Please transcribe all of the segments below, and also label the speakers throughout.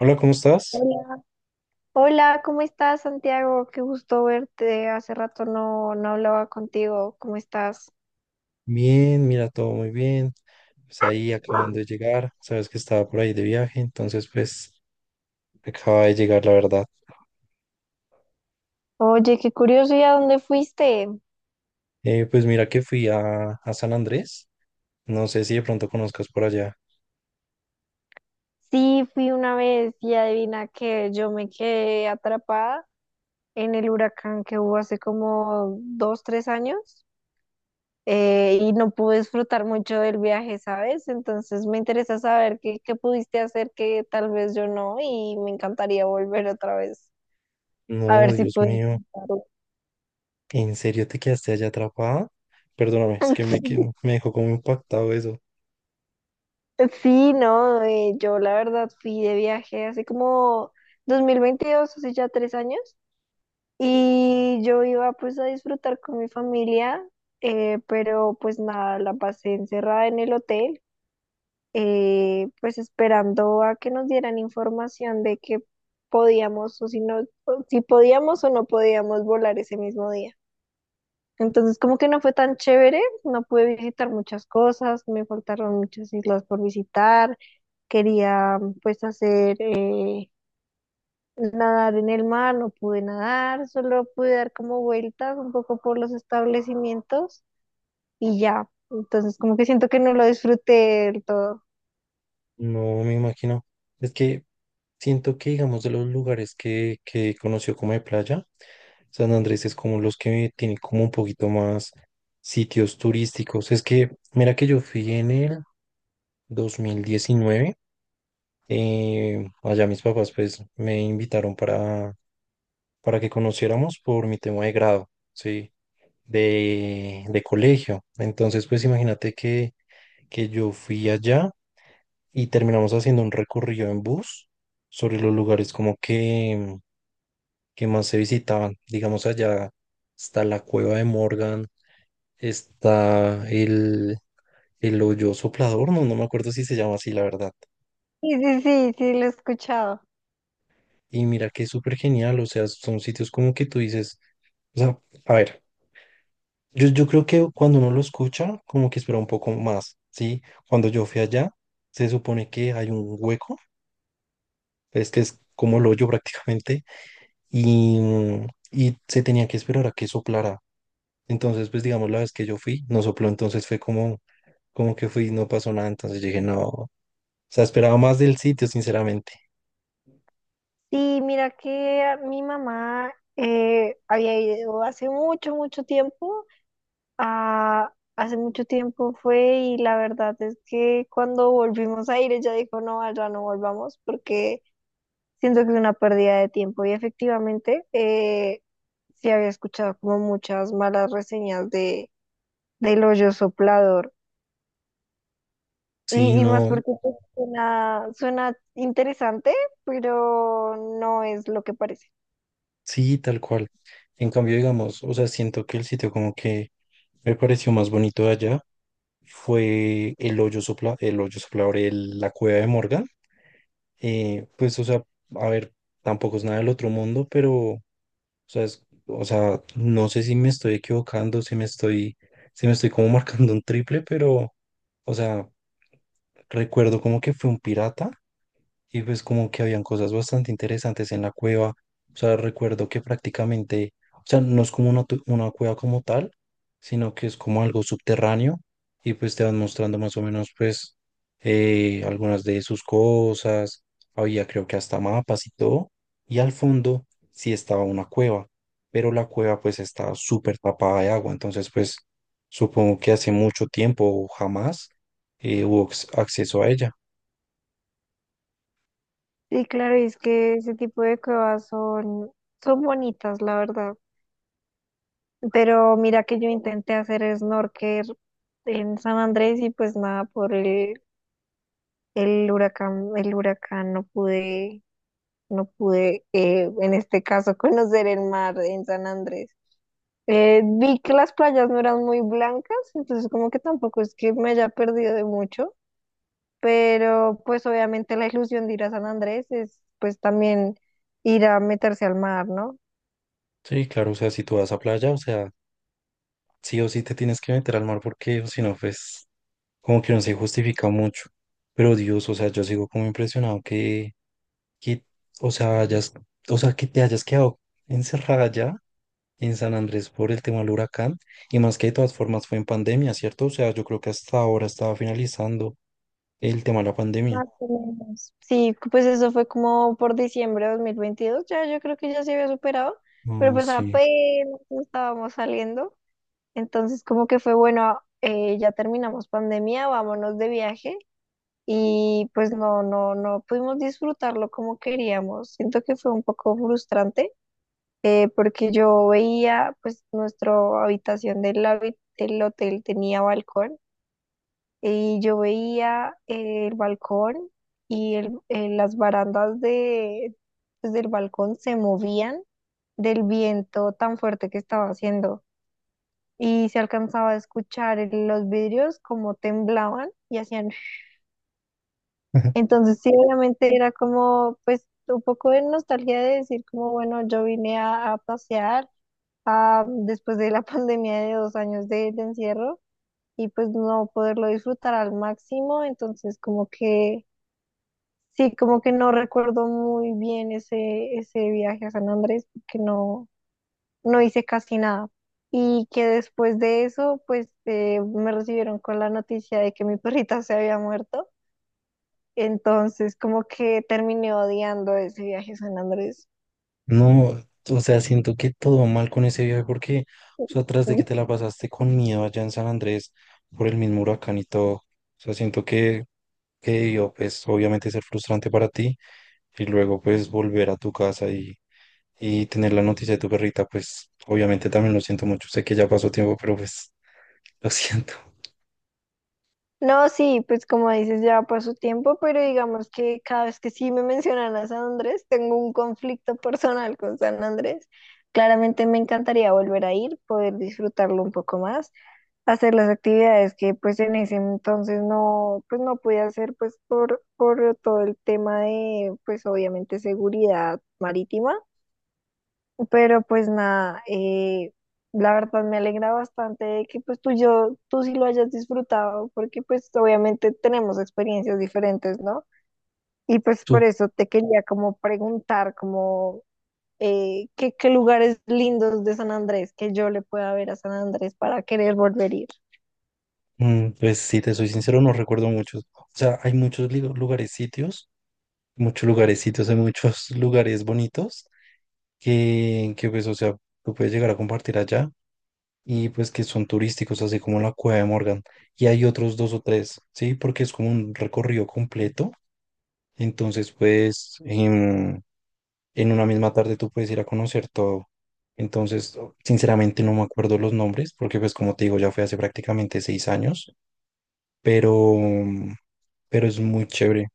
Speaker 1: Hola, ¿cómo estás?
Speaker 2: Hola, Hola, ¿cómo estás, Santiago? Qué gusto verte. Hace rato no hablaba contigo. ¿Cómo estás?
Speaker 1: Bien, mira, todo muy bien. Pues ahí acabando de llegar, sabes que estaba por ahí de viaje, entonces pues acaba de llegar, la verdad.
Speaker 2: Oye, qué curioso, ¿y a dónde fuiste?
Speaker 1: Pues mira que fui a San Andrés, no sé si de pronto conozcas por allá.
Speaker 2: Sí, fui una vez y adivina que yo me quedé atrapada en el huracán que hubo hace como dos, tres años y no pude disfrutar mucho del viaje, ¿sabes? Entonces me interesa saber qué pudiste hacer que tal vez yo no y me encantaría volver otra vez. A
Speaker 1: No,
Speaker 2: ver si
Speaker 1: Dios
Speaker 2: puedo
Speaker 1: mío,
Speaker 2: disfrutarlo.
Speaker 1: ¿en serio te quedaste allá atrapada? Perdóname, es que me dejó como impactado eso.
Speaker 2: Sí, no, yo la verdad fui de viaje hace como 2022, hace ya tres años, y yo iba pues a disfrutar con mi familia, pero pues nada, la pasé encerrada en el hotel, pues esperando a que nos dieran información de que podíamos o si no, o si podíamos o no podíamos volar ese mismo día. Entonces, como que no fue tan chévere, no pude visitar muchas cosas, me faltaron muchas islas por visitar, quería pues hacer nadar en el mar, no pude nadar, solo pude dar como vueltas un poco por los establecimientos y ya. Entonces, como que siento que no lo disfruté del todo.
Speaker 1: No me imagino. Es que siento que, digamos, de los lugares que conoció como de playa, San Andrés es como los que tienen como un poquito más sitios turísticos. Es que, mira que yo fui en el 2019. Allá mis papás pues me invitaron para que conociéramos por mi tema de grado, ¿sí? De colegio. Entonces pues imagínate que yo fui allá y terminamos haciendo un recorrido en bus sobre los lugares como que más se visitaban. Digamos allá está la cueva de Morgan, está el hoyo soplador, no me acuerdo si se llama así, la verdad.
Speaker 2: Sí, sí, sí, sí, lo he escuchado.
Speaker 1: Y mira que es súper genial, o sea, son sitios como que tú dices, o sea, a ver, yo creo que cuando uno lo escucha, como que espera un poco más, ¿sí? Cuando yo fui allá, se supone que hay un hueco, es que es como el hoyo prácticamente, y, y se tenía que esperar a que soplara. Entonces, pues digamos, la vez que yo fui, no sopló, entonces fue como, como que fui, no pasó nada, entonces yo dije, no, o sea, esperaba más del sitio, sinceramente.
Speaker 2: Sí, mira que mi mamá había ido hace mucho, mucho tiempo. Ah, hace mucho tiempo fue y la verdad es que cuando volvimos a ir ella dijo, no, allá no volvamos porque siento que es una pérdida de tiempo y efectivamente sí había escuchado como muchas malas reseñas de del hoyo soplador
Speaker 1: Sí,
Speaker 2: y más
Speaker 1: no,
Speaker 2: porque pues, suena, suena interesante, pero no es lo que parece.
Speaker 1: sí, tal cual. En cambio, digamos, o sea, siento que el sitio como que me pareció más bonito de allá fue el hoyo soplador, la cueva de Morgan. Pues, o sea, a ver, tampoco es nada del otro mundo, pero, o sea, o sea, no sé si me estoy equivocando, si me estoy como marcando un triple, pero, o sea, recuerdo como que fue un pirata y pues como que habían cosas bastante interesantes en la cueva. O sea, recuerdo que prácticamente, o sea, no es como una cueva como tal, sino que es como algo subterráneo y pues te van mostrando más o menos pues algunas de sus cosas, había creo que hasta mapas y todo, y al fondo sí estaba una cueva, pero la cueva pues estaba súper tapada de agua, entonces pues supongo que hace mucho tiempo o jamás hubo acceso a ella.
Speaker 2: Sí, claro, y es que ese tipo de cuevas son, son bonitas, la verdad. Pero mira que yo intenté hacer snorkel en San Andrés y pues nada, el huracán no pude, no pude en este caso conocer el mar en San Andrés. Vi que las playas no eran muy blancas, entonces como que tampoco es que me haya perdido de mucho, pero pues obviamente la ilusión de ir a San Andrés es pues también ir a meterse al mar, ¿no?
Speaker 1: Sí, claro, o sea, si tú vas a playa, o sea, sí o sí te tienes que meter al mar porque o si no, pues como que no se justifica mucho. Pero Dios, o sea, yo sigo como impresionado que, o sea, o sea, que te hayas quedado encerrada ya en San Andrés por el tema del huracán. Y más que de todas formas fue en pandemia, ¿cierto? O sea, yo creo que hasta ahora estaba finalizando el tema de la pandemia.
Speaker 2: Más o menos. Sí, pues eso fue como por diciembre de 2022, ya yo creo que ya se había superado, pero
Speaker 1: No,
Speaker 2: pues
Speaker 1: sí.
Speaker 2: apenas estábamos saliendo, entonces como que fue bueno, ya terminamos pandemia, vámonos de viaje y pues no, no pudimos disfrutarlo como queríamos, siento que fue un poco frustrante porque yo veía pues nuestra del hotel tenía balcón y yo veía el balcón y las barandas de, pues, del balcón se movían del viento tan fuerte que estaba haciendo. Y se alcanzaba a escuchar los vidrios como temblaban y hacían... Entonces sí, obviamente era como pues un poco de nostalgia de decir como, bueno, yo vine a pasear después de la pandemia de dos años de encierro y pues no poderlo disfrutar al máximo. Entonces como que... Sí, como que no recuerdo muy bien ese viaje a San Andrés porque no, no hice casi nada. Y que después de eso, pues me recibieron con la noticia de que mi perrita se había muerto. Entonces, como que terminé odiando ese viaje a San Andrés.
Speaker 1: No, o sea, siento que todo mal con ese viaje porque, o sea, tras de que te la pasaste con miedo allá en San Andrés por el mismo huracán y todo, o sea, siento que debió, pues, obviamente ser frustrante para ti. Y luego pues volver a tu casa y tener la noticia de tu perrita, pues obviamente también lo siento mucho. Sé que ya pasó tiempo, pero pues lo siento.
Speaker 2: No, sí, pues como dices, ya pasó tiempo, pero digamos que cada vez que sí me mencionan a San Andrés, tengo un conflicto personal con San Andrés. Claramente me encantaría volver a ir, poder disfrutarlo un poco más, hacer las actividades que pues en ese entonces no, pues no pude hacer pues por todo el tema de pues obviamente seguridad marítima, pero pues nada, la verdad me alegra bastante de que pues tú sí lo hayas disfrutado porque pues obviamente tenemos experiencias diferentes, ¿no? Y pues
Speaker 1: Tú,
Speaker 2: por eso te quería como preguntar como... ¿qué, qué lugares lindos de San Andrés que yo le pueda ver a San Andrés para querer volver a ir?
Speaker 1: pues si te soy sincero, no recuerdo muchos. O sea, hay muchos lugares, sitios, muchos lugares, sitios, hay muchos lugares bonitos que pues, o sea, tú puedes llegar a compartir allá. Y pues que son turísticos, así como la Cueva de Morgan. Y hay otros dos o tres, ¿sí? Porque es como un recorrido completo. Entonces, pues, en una misma tarde tú puedes ir a conocer todo. Entonces, sinceramente no me acuerdo los nombres, porque pues como te digo, ya fue hace prácticamente 6 años, pero, pero es muy chévere.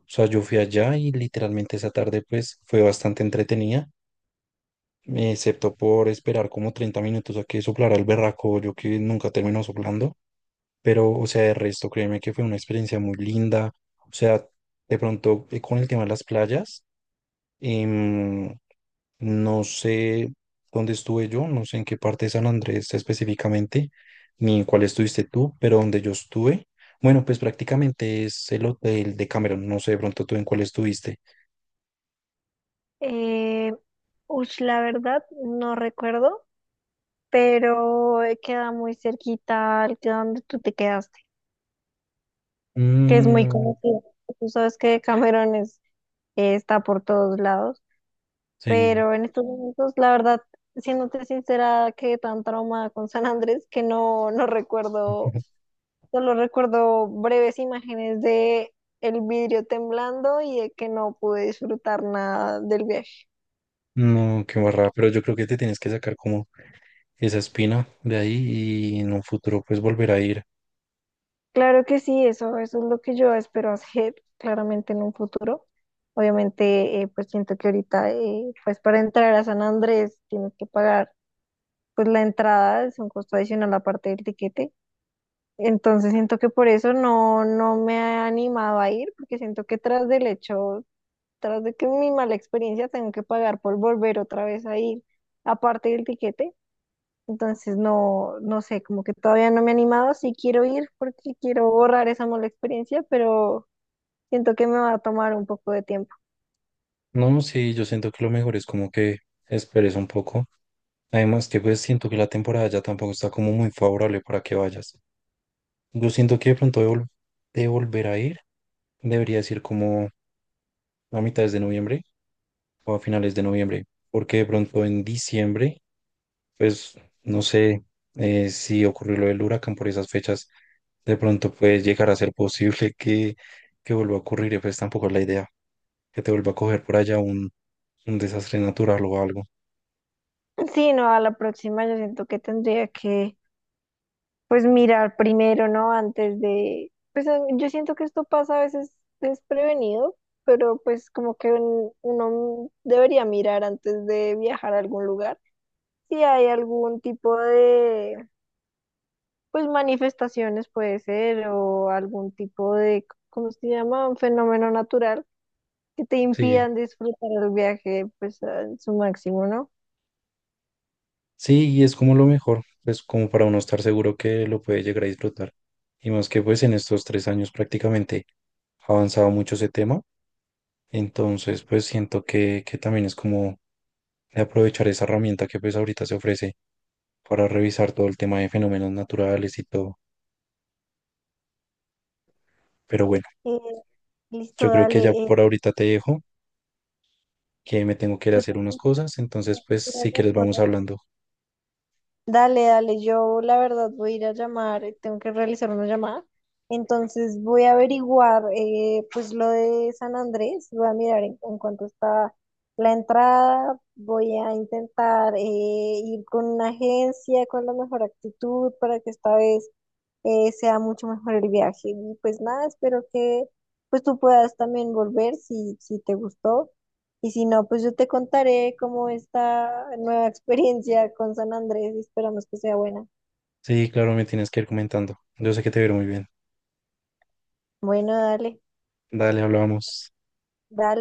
Speaker 1: O sea, yo fui allá y literalmente esa tarde pues fue bastante entretenida, excepto por esperar como 30 minutos a que soplara el berraco, yo que nunca terminó soplando, pero o sea, de resto, créeme que fue una experiencia muy linda. O sea, de pronto con el tema de las playas. Em, no sé dónde estuve yo, no sé en qué parte de San Andrés específicamente, ni en cuál estuviste tú, pero donde yo estuve, bueno, pues prácticamente es el hotel de Cameron, no sé de pronto tú en cuál estuviste.
Speaker 2: Eh, ush, la verdad, no recuerdo, pero queda muy cerquita al que donde tú te quedaste, que es muy
Speaker 1: Mm,
Speaker 2: conocido. Tú sabes que Cameron está por todos lados,
Speaker 1: sí.
Speaker 2: pero en estos momentos, la verdad, siéndote sincera, quedé tan traumada con San Andrés que no, no recuerdo, solo recuerdo breves imágenes de el vidrio temblando y de que no pude disfrutar nada del viaje.
Speaker 1: No, qué barra, pero yo creo que te tienes que sacar como esa espina de ahí y en un futuro pues volver a ir.
Speaker 2: Claro que sí, eso es lo que yo espero hacer claramente en un futuro. Obviamente, pues siento que ahorita, pues para entrar a San Andrés tienes que pagar pues la entrada, es un costo adicional aparte del tiquete. Entonces siento que por eso no, no me he animado a ir, porque siento que tras del hecho, tras de que mi mala experiencia, tengo que pagar por volver otra vez a ir aparte del tiquete. Entonces, no, no sé, como que todavía no me he animado, sí quiero ir porque quiero borrar esa mala experiencia, pero siento que me va a tomar un poco de tiempo.
Speaker 1: No, sí, yo siento que lo mejor es como que esperes un poco. Además que pues siento que la temporada ya tampoco está como muy favorable para que vayas. Yo siento que de volver a ir debería ser como a mitades de noviembre o a finales de noviembre, porque de pronto en diciembre, pues no sé si ocurrió lo del huracán por esas fechas, de pronto puede llegar a ser posible que vuelva a ocurrir y pues tampoco es la idea que te vuelva a coger por allá un desastre natural o algo.
Speaker 2: Sí, no, a la próxima yo siento que tendría que, pues, mirar primero, ¿no? Antes de, pues, yo siento que esto pasa a veces desprevenido, pero pues como que uno debería mirar antes de viajar a algún lugar. Si hay algún tipo de, pues manifestaciones puede ser o algún tipo de, ¿cómo se llama? Un fenómeno natural que te
Speaker 1: Sí.
Speaker 2: impidan disfrutar el viaje pues a su máximo, ¿no?
Speaker 1: Sí, y es como lo mejor, pues como para uno estar seguro que lo puede llegar a disfrutar. Y más que pues en estos 3 años prácticamente ha avanzado mucho ese tema, entonces pues siento que también es como de aprovechar esa herramienta que pues ahorita se ofrece para revisar todo el tema de fenómenos naturales y todo. Pero bueno,
Speaker 2: Eh, listo,
Speaker 1: yo creo que
Speaker 2: dale.
Speaker 1: ya
Speaker 2: eh,
Speaker 1: por ahorita te dejo, que me tengo que ir a
Speaker 2: yo
Speaker 1: hacer unas
Speaker 2: tengo
Speaker 1: cosas, entonces pues
Speaker 2: que ir a
Speaker 1: si quieres
Speaker 2: llamar.
Speaker 1: vamos hablando.
Speaker 2: Dale, dale, yo la verdad voy a ir a llamar, tengo que realizar una llamada, entonces voy a averiguar pues lo de San Andrés, voy a mirar en cuánto está la entrada, voy a intentar ir con una agencia con la mejor actitud para que esta vez sea mucho mejor el viaje. Y pues nada, espero que pues tú puedas también volver si, si te gustó. Y si no, pues yo te contaré cómo esta nueva experiencia con San Andrés y esperamos que sea buena.
Speaker 1: Sí, claro, me tienes que ir comentando. Yo sé que te veo muy bien.
Speaker 2: Bueno, dale,
Speaker 1: Dale, hablamos.
Speaker 2: dale.